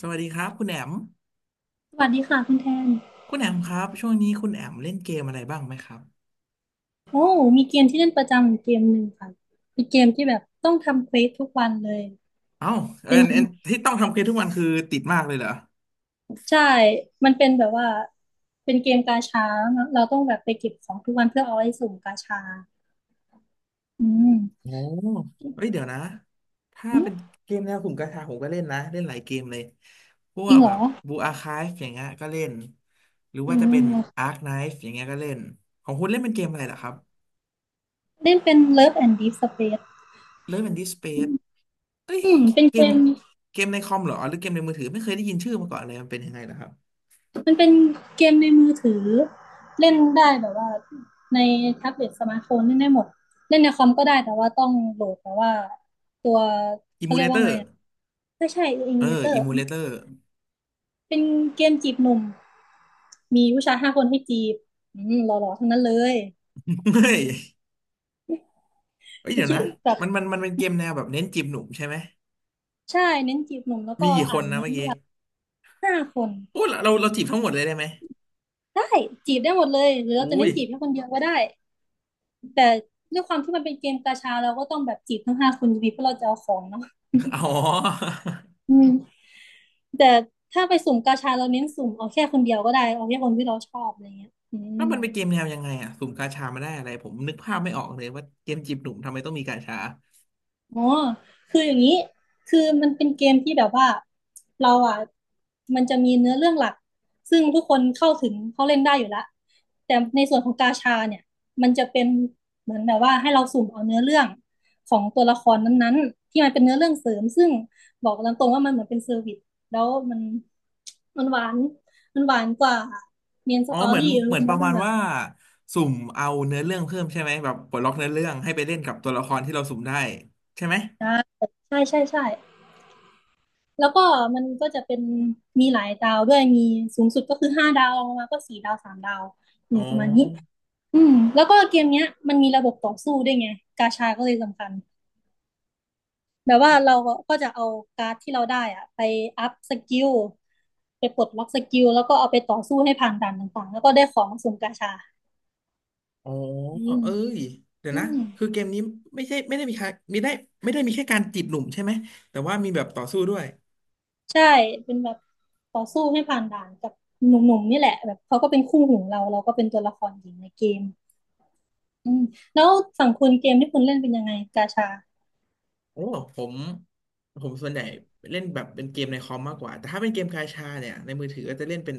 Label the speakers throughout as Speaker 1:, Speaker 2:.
Speaker 1: สวัสดีครับคุณแอม
Speaker 2: สวัสดีค่ะคุณแทน
Speaker 1: คุณแอมครับช่วงนี้คุณแอมเล่นเกมอะไรบ้างไหมครับ
Speaker 2: โอ้มีเกมที่เล่นประจำอยู่เกมหนึ่งค่ะเป็นเกมที่แบบต้องทำเควสทุกวันเลย
Speaker 1: เอ้าเออ
Speaker 2: เป็น
Speaker 1: เอ่อที่ต้องทำเกมทุกวันคือติดมากเลยเหรอ
Speaker 2: ใช่ มันเป็นแบบว่า เป็นเกมกาชาแล้วเราต้องแบบไปเก็บของทุกวันเพื่อเอาไว้สุ่มกาชา อืม
Speaker 1: โอ้เฮ้ยเดี๋ยวนะถ้า
Speaker 2: อืม
Speaker 1: เป็นเกมแนวกลุ่มกาชาผมก็เล่นนะเล่นหลายเกมเลยพว
Speaker 2: จริ
Speaker 1: ก
Speaker 2: งเหร
Speaker 1: แบ
Speaker 2: อ
Speaker 1: บบูอาคาฟอย่างเงี้ยก็เล่นหรือ
Speaker 2: อื
Speaker 1: ว่าจะเป็น
Speaker 2: ม
Speaker 1: อาร์คไนฟ์อย่างเงี้ยก็เล่นของคุณเล่นเป็นเกมอะไรเหรอครับ
Speaker 2: เล่นเป็น Love and Deep Space
Speaker 1: เล่นเป็นดิสเปซเอ้ย
Speaker 2: อืมเป็น
Speaker 1: เก
Speaker 2: เก
Speaker 1: ม
Speaker 2: ม
Speaker 1: เกมในคอมเหรอหรือเกมในมือถือไม่เคยได้ยินชื่อมาก่อนเลยมันเป็นยังไงเหรอครับ
Speaker 2: มันเป็นเกมในมือถือเล่นได้แบบว่าในแท็บเล็ตสมาร์ทโฟนเล่นได้หมดเล่นในคอมก็ได้แต่ว่าต้องโหลดแต่ว่าตัว
Speaker 1: อิ
Speaker 2: เขา
Speaker 1: มู
Speaker 2: เรี
Speaker 1: เล
Speaker 2: ยก
Speaker 1: เต
Speaker 2: ว่า
Speaker 1: อ
Speaker 2: ไง
Speaker 1: ร์
Speaker 2: อะไม่ใช่อิ
Speaker 1: เอ
Speaker 2: มู
Speaker 1: อ
Speaker 2: เลเตอ
Speaker 1: อิ
Speaker 2: ร์
Speaker 1: มูเลเตอร์
Speaker 2: เป็นเกมจีบหนุ่มมีผู้ชายห้าคนให้จีบอืมหล่อๆทั้งนั้นเลย
Speaker 1: เฮ้ยเฮ้ย
Speaker 2: ไม่
Speaker 1: เดี๋ยว
Speaker 2: คิด
Speaker 1: นะ
Speaker 2: แบบ
Speaker 1: มันเป็นเกมแนวแบบเน้นจีบหนุ่มใช่ไหม
Speaker 2: ใช่เน้นจีบหนุ่มแล้ว
Speaker 1: มี
Speaker 2: ก็
Speaker 1: กี่ค
Speaker 2: อ่า
Speaker 1: น
Speaker 2: น
Speaker 1: นะ
Speaker 2: เนื้อ
Speaker 1: เมื่อกี้
Speaker 2: เรื่องห้าคน
Speaker 1: โอ้เราจีบทั้งหมดเลยได้ไหม
Speaker 2: ได้จีบได้หมดเลยหรือเราจะ
Speaker 1: อุ้
Speaker 2: เน้
Speaker 1: ย
Speaker 2: นจีบแค่คนเดียวก็ได้แต่ด้วยความที่มันเป็นเกมกาชาเราก็ต้องแบบจีบทั้งห้าคนอยู่ดีเพราะเราจะเอาของเนาะ
Speaker 1: อ๋อ
Speaker 2: อืม แต่ถ้าไปสุ่มกาชาเราเน้นสุ่มเอาแค่คนเดียวก็ได้เอาแค่คนที่เราชอบอะไรเงี้ยอื
Speaker 1: แล้ว
Speaker 2: ม
Speaker 1: มันเป็นเกมแนวยังไงอ่ะสุ่มกาชามาได้อะไรผมนึกภาพไม่ออกเลยว่าเกมจีบหนุ่มทำไมต้องมีกาชา
Speaker 2: อ๋อคืออย่างนี้คือมันเป็นเกมที่แบบว่าเราอ่ะมันจะมีเนื้อเรื่องหลักซึ่งทุกคนเข้าถึงเขาเล่นได้อยู่ละแต่ในส่วนของกาชาเนี่ยมันจะเป็นเหมือนแบบว่าให้เราสุ่มเอาเนื้อเรื่องของตัวละครนั้นๆที่มันเป็นเนื้อเรื่องเสริมซึ่งบอกตามตรงว่ามันเหมือนเป็นเซอร์วิสแล้วมันหวานกว่าเมนส
Speaker 1: อ๋อ
Speaker 2: ตอ
Speaker 1: เหมือน
Speaker 2: รี่เนื
Speaker 1: เหมือนป
Speaker 2: ้อ
Speaker 1: ระ
Speaker 2: เรื่
Speaker 1: มา
Speaker 2: อง
Speaker 1: ณ
Speaker 2: หลัก
Speaker 1: ว่าสุ่มเอาเนื้อเรื่องเพิ่มใช่ไหมแบบปลดล็อกเนื้อเรื่องให้ไปเล่นกับตัวละครที่เราสุ่มได้ใช่ไหม
Speaker 2: ใช่ใช่ใช่ใช่แล้วก็มันก็จะเป็นมีหลายดาวด้วยมีสูงสุดก็คือห้าดาวลงมาก็สี่ดาวสามดาว
Speaker 1: อ๋
Speaker 2: เนี่
Speaker 1: อ
Speaker 2: ยประมาณนี้อืมแล้วก็เกมเนี้ยมันมีระบบต่อสู้ด้วยไงกาชาก็เลยสำคัญแบบว่าเราก็จะเอาการ์ดที่เราได้อะไปอัพสกิลไปปลดล็อกสกิลแล้วก็เอาไปต่อสู้ให้ผ่านด่านต่างๆแล้วก็ได้ของสุ่มกาชา
Speaker 1: อ๋อ
Speaker 2: อืม
Speaker 1: เอ้ย เดี๋ยว
Speaker 2: อื
Speaker 1: นะ
Speaker 2: ม
Speaker 1: คือเกมนี้ไม่ใช่ไม่ได้มีแค่มีได้ไม่ได้มีแค่การจีบหนุ่มใช่ไหม แต่ว่ามีแบบต่อสู้ด้วย
Speaker 2: ใช่เป็นแบบต่อสู้ให้ผ่านด่านกับหนุ่มๆนี่แหละแบบเขาก็เป็นคู่หูเราเราก็เป็นตัวละครหญิงในเกม อืมแล้วสังคุณเกมที่คุณเล่นเป็นยังไงกาชา
Speaker 1: โอ้ผมผมส่วนใหญ่เล่นแบบเป็นเกมในคอมมากกว่า แต่ถ้าเป็นเกมกาชาเนี่ยในมือถือก็จะเล่นเป็น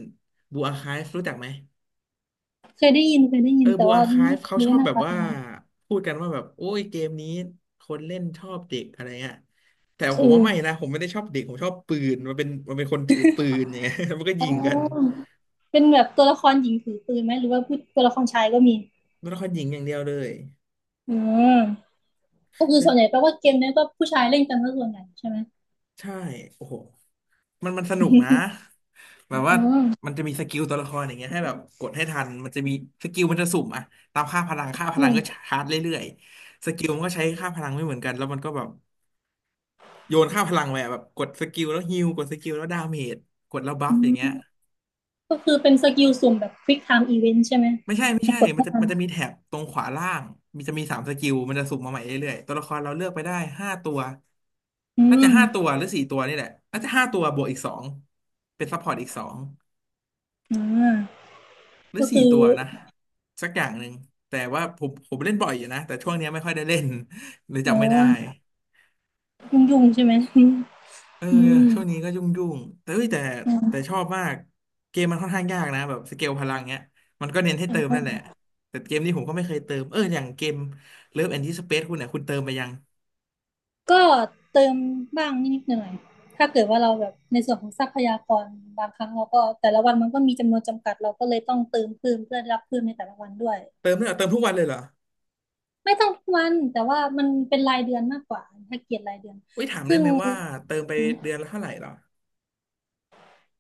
Speaker 1: บูอาคาฟรู้จักไหม
Speaker 2: เคยได้ยินเคยได้
Speaker 1: เอ
Speaker 2: ยิ
Speaker 1: อ
Speaker 2: นแต่
Speaker 1: บู
Speaker 2: ว่า
Speaker 1: อาคา
Speaker 2: ไม่
Speaker 1: ฟเขาช
Speaker 2: รู้
Speaker 1: อ
Speaker 2: ว่า
Speaker 1: บ
Speaker 2: หนะ
Speaker 1: แบบ
Speaker 2: ครับ
Speaker 1: ว่า
Speaker 2: ยังไง
Speaker 1: พูดกันว่าแบบโอ้ยเกมนี้คนเล่นชอบเด็กอะไรเงี้ยแต่ผ
Speaker 2: เอื
Speaker 1: มว่า
Speaker 2: ม
Speaker 1: ไม่นะผมไม่ได้ชอบเด็กผมชอบปืนมันเป็นคนถือปืนอย่างเงี้ย มันก็
Speaker 2: อ๋
Speaker 1: ยิงกัน
Speaker 2: อเป็นแบบตัวละครหญิงถือปืนไหมหรือว่าผู้ตัวละครชายก็มี
Speaker 1: มันต้องคยิงอย่างเดียวเลย
Speaker 2: อืมก็คือส่วนใหญ่แปลว่าเกมเนี้ยก็ผู้ชายเล่นกันซะส่วนใหญ่ใช่ไหม
Speaker 1: ใช่โอ้โหมันสนุกนะแบบว่า
Speaker 2: อืม
Speaker 1: มันจะมีสกิลตัวละครอย่างเงี้ยให้แบบกดให้ทันมันจะมีสกิลมันจะสุ่มอะตามค่าพลังค่าพ
Speaker 2: อื
Speaker 1: ลังก็ช
Speaker 2: ม
Speaker 1: าร์จเรื่อยๆสกิลมันก็ใช้ค่าพลังไม่เหมือนกันแล้วมันก็แบบโยนค่าพลังไปอะแบบกดสกิลแล้วฮีลกดสกิลแล้วดาเมจกดแล้วบั
Speaker 2: อื
Speaker 1: ฟอย่างเงี้ย
Speaker 2: มก็คือเป็นสกิลสุ่มแบบ Quick Time Event ใช่ไหม
Speaker 1: ไม่ใช่
Speaker 2: แบบ
Speaker 1: ไม่
Speaker 2: ให้
Speaker 1: ใช่
Speaker 2: กด
Speaker 1: มัน
Speaker 2: ให้
Speaker 1: จะ
Speaker 2: ทัน
Speaker 1: มันจะมีแถบตรงขวาล่างมีจะมีสามสกิลมันจะสุ่มมาใหม่เรื่อยๆตัวละครเราเลือกไปได้ห้าตัว
Speaker 2: อื
Speaker 1: น่าจะ
Speaker 2: ม
Speaker 1: ห้าตัวหรือสี่ตัวนี่แหละน่าจะห้าตัวบวกอีกสองเป็นซัพพอร์ตอีกสอง
Speaker 2: อ่า
Speaker 1: หรือ
Speaker 2: ก็
Speaker 1: สี่
Speaker 2: คือ
Speaker 1: ตัวนะสักอย่างหนึ่งแต่ว่าผมเล่นบ่อยอยู่นะแต่ช่วงเนี้ยไม่ค่อยได้เล่น เลย
Speaker 2: อ๋อ
Speaker 1: จำไม่ได้
Speaker 2: ยุ่งๆใช่ไหม
Speaker 1: เออ
Speaker 2: อืม
Speaker 1: ช่วงนี้ก็ยุ่งแต่เอ้ยแต่แต่
Speaker 2: อ
Speaker 1: ชอบมากเกมมันค่อนข้างยากนะแบบสเกลพลังเนี้ยมันก็เน้นให้
Speaker 2: ื
Speaker 1: เติมนั่
Speaker 2: ม
Speaker 1: นแหละแต่เกมนี้ผมก็ไม่เคยเติมเอออย่างเกม Love and Disrespect คุณเนี่ยคุณเติมไปยัง
Speaker 2: ก็เติมบ้างนิดๆหน่อยๆถ้าเกิดว่าเราแบบในส่วนของทรัพยากรบางครั้งเราก็แต่ละวันมันก็มีจำนวนจำกัดเราก็เลยต้องเติมเพิ่มเพื่อรับเพิ่มในแต่ละวันด้วย
Speaker 1: เติมเลยเหรอเติมทุกวันเลยเหรอ
Speaker 2: ไม่ต้องทุกวันแต่ว่ามันเป็นรายเดือนมากกว่าถ้าเกียรติรายเดือน
Speaker 1: อุ้ยถามได้ไหมว่าเติมไป
Speaker 2: อืม
Speaker 1: เดือนละเท่าไหร่เหรอ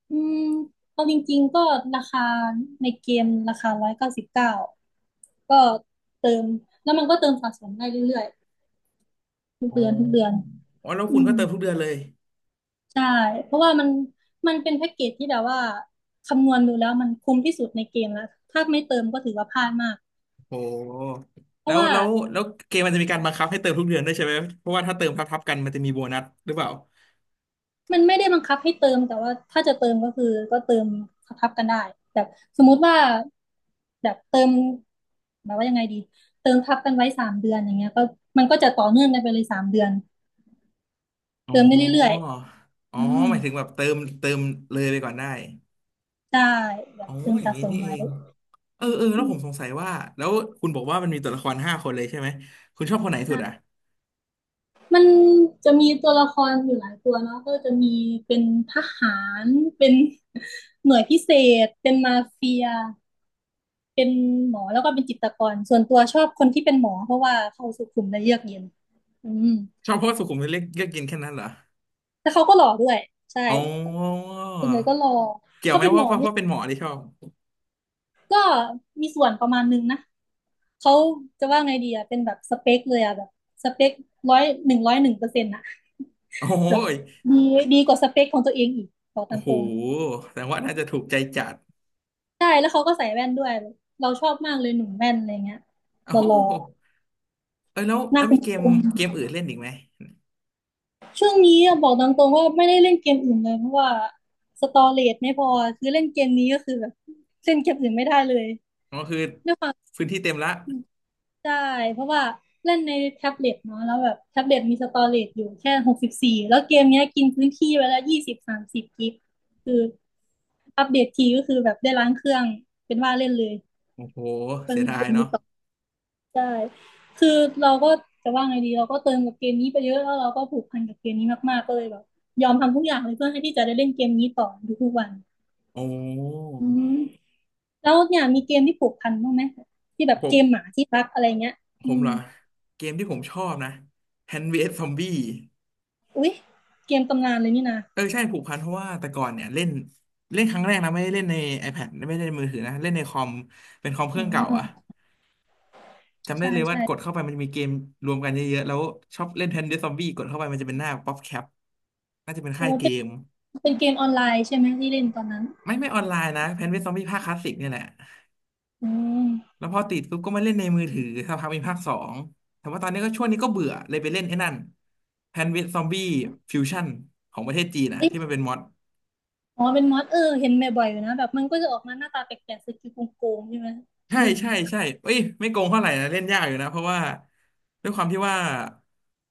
Speaker 2: อืมเอาจริงๆก็ราคาในเกมราคา199ก็เติมแล้วมันก็เติมสะสมได้เรื่อยๆทุก
Speaker 1: อ๋
Speaker 2: เดือนทุกเดือน
Speaker 1: ออ๋อแล้วคุ
Speaker 2: อื
Speaker 1: ณก็
Speaker 2: ม
Speaker 1: เติมทุกเดือนเลย
Speaker 2: ใช่เพราะว่ามันเป็นแพ็กเกจที่แบบว่าคำนวณดูแล้วมันคุ้มที่สุดในเกมแล้วถ้าไม่เติมก็ถือว่าพลาดมาก
Speaker 1: โอ้
Speaker 2: เพ
Speaker 1: แล้
Speaker 2: ราะ
Speaker 1: ว
Speaker 2: ว่า
Speaker 1: แล้วแล้วเกมมันจะมีการบังคับให้เติมทุกเดือนด้วยใช่ไหมเพราะว่าถ้าเติมทับๆกันมันจะมีโบนัสหรือเปล่า
Speaker 2: มันไม่ได้บังคับให้เติมแต่ว่าถ้าจะเติมก็คือก็เติมทับกันได้แบบสมมุติว่าแบบเติมแบบว่ายังไงดีเติมทับกันไว้สามเดือนอย่างเงี้ยก็มันก็จะต่อเนื่องกันไปเลยสามเดือน
Speaker 1: อ๋อ
Speaker 2: เติมได้เรื่อย
Speaker 1: อ๋
Speaker 2: ๆ
Speaker 1: อ
Speaker 2: อืม
Speaker 1: หมายถึงแบบเติมเลยไปก่อนได้
Speaker 2: ได้แบ
Speaker 1: อ๋
Speaker 2: บ
Speaker 1: อ
Speaker 2: เติม
Speaker 1: อย่าง
Speaker 2: สะ
Speaker 1: นี้
Speaker 2: สม
Speaker 1: นี่เอ
Speaker 2: ไว้
Speaker 1: งเออเออแล้
Speaker 2: อื
Speaker 1: วผมสง
Speaker 2: ม
Speaker 1: สัยว่าแล้วคุณบอกว่ามันมีตัวละครห้าคนเลยใช่ไหมคุณชอบคนไหนสุดอ่ะ
Speaker 2: ใช่ มันจะมีตัวละครอยู่หลายตัวเนาะก็จะมีเป็นทหารเป็น หน่วยพิเศษเป็นมาเฟียเป็นหมอแล้วก็เป็นจิตรกรส่วนตัวชอบคนที่เป็นหมอเพราะว่าเขาสุขุมและเยือกเย็นอืม
Speaker 1: ชอบเพราะว่าสุขุมวิทเลือกเลือกกินแค่นั้นเหรอ
Speaker 2: แต่เขาก็หล่อด้วยใช่
Speaker 1: อ๋อ
Speaker 2: ส่วนใหญ่ก็หล่อ
Speaker 1: เกี่ยว
Speaker 2: เขา
Speaker 1: ไหม
Speaker 2: เป็นหม
Speaker 1: ว่า
Speaker 2: อ
Speaker 1: เพราะเป็นหมอที่ชอบ
Speaker 2: ก็มีส่วนประมาณนึงนะเขาจะว่าไงดีอะเป็นแบบสเปคเลยอะแบบสเปคร้อย101%อะ
Speaker 1: โอ้
Speaker 2: แบบ
Speaker 1: ย
Speaker 2: ดีดีกว่าสเปคของตัวเองอีกบอก
Speaker 1: โอ้
Speaker 2: ตาม
Speaker 1: โห
Speaker 2: ตรง
Speaker 1: แสดงว่าน่าจะถูกใจจัด
Speaker 2: ใช่แล้วเขาก็ใส่แว่นด้วยเราชอบมากเลยหนุ่มแว่นอะไรเงี้ย
Speaker 1: โอ้
Speaker 2: ห
Speaker 1: โห
Speaker 2: ล่อ
Speaker 1: เออแล้ว
Speaker 2: ๆห
Speaker 1: แล้
Speaker 2: น้า
Speaker 1: ว
Speaker 2: ค
Speaker 1: มีเกม
Speaker 2: ม
Speaker 1: เกมอื่นเล่นอีกไหม
Speaker 2: ๆช่วงนี้อะบอกตามตรงว่าไม่ได้เล่นเกมอื่นเลยเพราะว่าสตอเรจไม่พอคือเล่นเกมนี้ก็คือแบบเล่นเกมอื่นไม่ได้เลย
Speaker 1: อ๋อคือ
Speaker 2: ด้วยความ
Speaker 1: พื้นที่เต็มละ
Speaker 2: ใช่เพราะว่าเล่นในแท็บเล็ตเนาะแล้วแบบแท็บเล็ตมีสตอเรจอยู่แค่64แล้วเกมเนี้ยกินพื้นที่ไปแล้ว20-30กิกคืออัปเดตทีก็คือแบบได้ล้างเครื่องเป็นว่าเล่นเลย
Speaker 1: โอ้โห
Speaker 2: ก็
Speaker 1: เสีย
Speaker 2: เล่น
Speaker 1: ดา
Speaker 2: เก
Speaker 1: ย
Speaker 2: ม
Speaker 1: เนาะ
Speaker 2: นี้ต่อ ใช่คือเราก็จะว่าไงดีเราก็เติมกับเกมนี้ไปเยอะแล้วเราก็ผูกพันกับเกมนี้มากๆก็เลยแบบยอมทำทุกอย่างเลยเพื่อให้ที่จะได้เล่นเกมนี้ต่อทุกๆวัน
Speaker 1: โอ้
Speaker 2: อืมแล้วเนี่ยมีเกมที่ผูกพันบ้างไหมที่แบบ
Speaker 1: ผ
Speaker 2: เก
Speaker 1: ม
Speaker 2: มหมาที่รักอะไรเงี้ย
Speaker 1: ผ
Speaker 2: อื
Speaker 1: ม
Speaker 2: ม
Speaker 1: เหรอเกมที่ผมชอบนะแฮนด์อสซอมบี้
Speaker 2: อุ๊ยเกมตำนานเลยนี่นะ
Speaker 1: เออใช่ผูกพันเพราะว่าแต่ก่อนเนี่ยเล่นเล่นครั้งแรกนะไม่ได้เล่นใน iPad ไม่ได้เล่นในมือถือนะเล่นในคอมเป็นคอมเค
Speaker 2: อ๋
Speaker 1: รื่องเก่าอะ
Speaker 2: อ
Speaker 1: จำได้
Speaker 2: ใช่
Speaker 1: เลยว่า
Speaker 2: ใช่
Speaker 1: กดเข้าไปมันจะมีเกมรวมกันเยอะๆแล้วชอบเล่นแฮนด์อสซอมบี้กดเข้าไปมันจะเป็นหน้าป๊อปแคปน่าจะเป็นค่า
Speaker 2: โอ้
Speaker 1: ยเก
Speaker 2: เป็น
Speaker 1: ม
Speaker 2: เป็นเกมออนไลน์ใช่ไหมที่เล่นตอนนั้น
Speaker 1: ไม่ออนไลน์นะแฮนด์อสซอมบี้ภาคคลาสสิกเนี่ยแหละ
Speaker 2: อืม
Speaker 1: แล้วพอติดปุ๊บก็มาเล่นในมือถือสักพักมีภาคสองแต่ว่าตอนนี้ก็ช่วงนี้ก็เบื่อเลยไปเล่นไอ้นั่นแพนเวสซอมบี้ฟิวชั่นของประเทศจีนนะ
Speaker 2: เอ้ย
Speaker 1: ที่มันเป็นมอด
Speaker 2: อ๋อเป็นมอสเออเห็นบ่อยๆอยู่นะแบบมันก็จะออกมาหน้าตาแปลกๆสกิลโกงๆใช่ไหม
Speaker 1: ใช่
Speaker 2: เห็น
Speaker 1: ใช่ใช่เอ้ยไม่โกงเท่าไหร่นะเล่นยากอยู่นะเพราะว่าด้วยความที่ว่า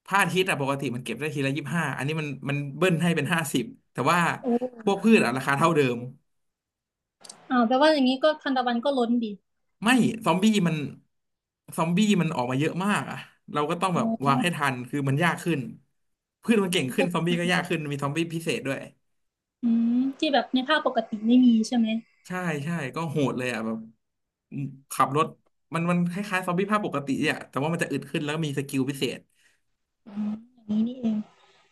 Speaker 1: พระอาทิตย์อะปกติมันเก็บได้ทีละ25อันนี้มันเบิ้ลให้เป็น50แต่ว่า
Speaker 2: โอ้
Speaker 1: พวกพืชอะราคาเท่าเดิม
Speaker 2: อ่าแปลว่าอย่างนี้ก็ทานตะวันก็ล้นดิ
Speaker 1: ไม่ซอมบี้มันซอมบี้มันออกมาเยอะมากอะเราก็ต้อง
Speaker 2: อ๋
Speaker 1: แบบวา
Speaker 2: อ
Speaker 1: งให้ทันคือมันยากขึ้นพืชมันเก่งขึ้
Speaker 2: ก็
Speaker 1: นซอมบี้ก็ยากขึ้นมีซอมบี้พิเศษด้วย
Speaker 2: อืมที่แบบในภาพปกติไม่มีใช่ไหม
Speaker 1: ใช่ใช่ก็โหดเลยอ่ะแบบขับรถมันคล้ายๆซอมบี้ภาคปกติอ่ะแต่ว่ามันจะอึดขึ้นแล้วมีสกิลพิเศษ
Speaker 2: อ๋ออย่างนี้นี่เอง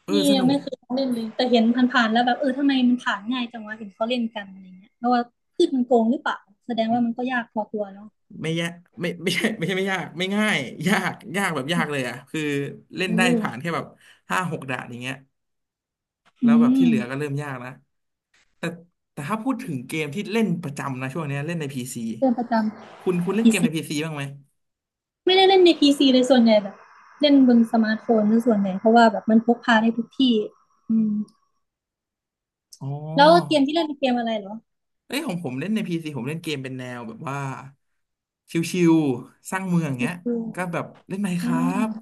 Speaker 1: เออ
Speaker 2: นี่
Speaker 1: ส
Speaker 2: ยัง
Speaker 1: นุก
Speaker 2: ไม่เคยเล่นเลยแต่เห็นผ่านๆแล้วแบบเออทำไมมันผ่านง่ายจังวะเห็นเขาเล่นกันอะไรเงี้ยเพราะว่าพืชมันโกงหรือเปล่าแสดงว่ามันก็ยากพอตัวเนาะ
Speaker 1: ไม่ยากไม่ไม่ใช่ไม่ใช่ไม่ยากไม่ง่ายยากยากแบบยากเล
Speaker 2: อ
Speaker 1: ยอ่ะคือเล่น
Speaker 2: ื
Speaker 1: ได้
Speaker 2: อ
Speaker 1: ผ่านแค่แบบ5-6ด่านอย่างเงี้ยแล้
Speaker 2: อื
Speaker 1: วแบบที่
Speaker 2: ม
Speaker 1: เหลือก็เริ่มยากนะ แต่ถ้าพูดถึงเกมที่เล่นประจำนะช่วงเนี้ยเล่นในพีซี
Speaker 2: เล่นประจ
Speaker 1: คุณ
Speaker 2: ำ
Speaker 1: เล่น
Speaker 2: พี
Speaker 1: เกม
Speaker 2: ซี
Speaker 1: ในพีซีบ้างไหม
Speaker 2: ไม่ได้เล่นในพีซีเลยส่วนใหญ่แบบเล่นบนสมาร์ทโฟนซะส่วนใหญ่เพราะว่าแบบมันพกพาได้ทุกที่อืม
Speaker 1: อ๋อ
Speaker 2: แล้วเกมที่เล่นเป็นเกมอะไรเหรอ
Speaker 1: เอ้ยของผมเล่นในพีซีผมเล่นเกมเป็นแนวแบบว่าชิวๆสร้างเมืองเงี้ย
Speaker 2: Witcher
Speaker 1: ก็แบบเล่น
Speaker 2: อืม
Speaker 1: Minecraft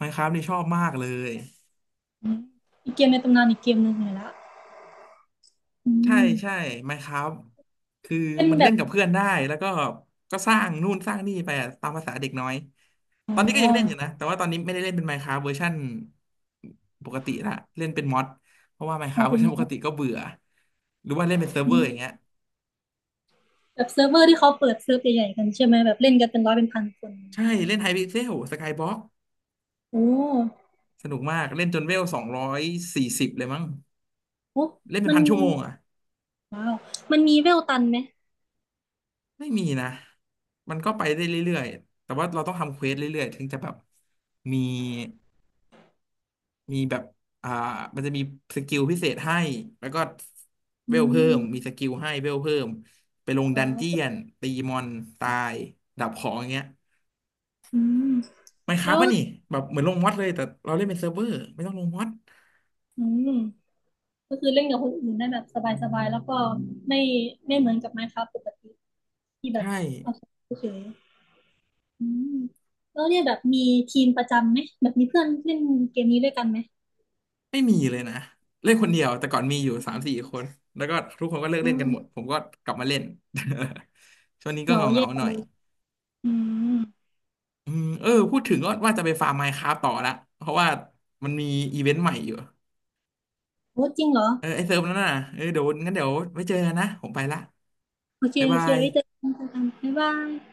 Speaker 1: Minecraft นี่ชอบมากเลย
Speaker 2: อืมอีกเกมในตำนานอีกเกมหนึ่งเลยละอื
Speaker 1: ใช่
Speaker 2: ม
Speaker 1: ใช่ Minecraft คือ
Speaker 2: เป็น
Speaker 1: มัน
Speaker 2: แบ
Speaker 1: เล่
Speaker 2: บ
Speaker 1: นกับเพื่อนได้แล้วก็สร้างนู่นสร้างนี่ไปอะตามภาษาเด็กน้อย
Speaker 2: อ๋
Speaker 1: ตอนนี้ก็
Speaker 2: อ
Speaker 1: ยังเล่นอยู่นะแต่ว่าตอนนี้ไม่ได้เล่นเป็น Minecraft เวอร์ชันปกติละเล่นเป็นมอดเพราะว่า
Speaker 2: อ๋อ
Speaker 1: Minecraft เวอ
Speaker 2: เป็
Speaker 1: ร์
Speaker 2: น
Speaker 1: ชันปก
Speaker 2: นัด
Speaker 1: ติก็เบื่อหรือว่าเล่นเป็นเซิร์ฟ
Speaker 2: อื
Speaker 1: เวอร์อย่างเงี้
Speaker 2: ม
Speaker 1: ย
Speaker 2: แบบเซิร์ฟเวอร์ที่เขาเปิดเซิร์ฟใหญ่ๆกันใช่ไหมแบบเล่นกันเป็นร้อยเป็นพันคน
Speaker 1: ใช่เล่นไฮพิกเซลสกายบ็อก
Speaker 2: โอ้
Speaker 1: สนุกมากเล่นจนเวล240เลยมั้ง
Speaker 2: โอ้
Speaker 1: เล่นเป็น
Speaker 2: มัน
Speaker 1: พันชั่วโมงอ่ะ
Speaker 2: ว้าวมันมีเวลตันไหม
Speaker 1: ไม่มีนะมันก็ไปได้เรื่อยๆแต่ว่าเราต้องทำเควสเรื่อยๆถึงจะแบบมี แบบอ่ามันจะมีสกิลพิเศษให้ แล้วก็
Speaker 2: อื
Speaker 1: เวลเพิ่ม มี
Speaker 2: ม
Speaker 1: สกิลให้เวลเพิ่ม ไปลง
Speaker 2: อ๋
Speaker 1: ดันเจีย
Speaker 2: อ
Speaker 1: นตีมอนตาย ดับของอย่างเงี้ย
Speaker 2: อืม
Speaker 1: ไมน์ค
Speaker 2: แล้
Speaker 1: ราฟต์
Speaker 2: ว
Speaker 1: ป่ะนี่ แบบเหมือนลงมอดเลย แต่เราเล่นเป็นเซิร์ฟเวอร์ไม่ต้องลงมอด
Speaker 2: อืมก็คือเล่นกับคนอื่นได้แบบสบายๆแล้วก็ไม่ไม่เหมือนกับ Minecraft ปกติที่แบบ
Speaker 1: ใช่
Speaker 2: เอาเฉยๆอืมแล้วเนี่ยแบบมีทีมประจำไหมแบบมีเพื่อนเล่นเกมนี้ด้วยกันไหม
Speaker 1: ไม่มีเลยนะ เล่นคนเดียว แต่ก่อนมีอยู่3-4คน แล้วก็ทุกคนก็เลิก
Speaker 2: อ
Speaker 1: เล่นกันหมด ผมก็กลับมาเล่น ช่วงนี้ก็
Speaker 2: เหงา
Speaker 1: เงา
Speaker 2: แย่
Speaker 1: เงาหน่อ
Speaker 2: เล
Speaker 1: ย
Speaker 2: ยอืม
Speaker 1: อืมเออ พูดถึงก็ว่าจะไปฟาร์มมน์คราตต่อละเพราะว่ามันมีอีเวนต์ใหม่อยู่
Speaker 2: โอ้จริงเหรอ
Speaker 1: เออไอเซิร์ฟนั่นน่ะเออเดี๋ยวงั้นเดี๋ยวไว้เจอกันนะ ผมไปละ
Speaker 2: โอเค
Speaker 1: บ๊าย
Speaker 2: โอ
Speaker 1: บา
Speaker 2: เค
Speaker 1: ย
Speaker 2: ไว้เจอกันค่ะบ๊ายบาย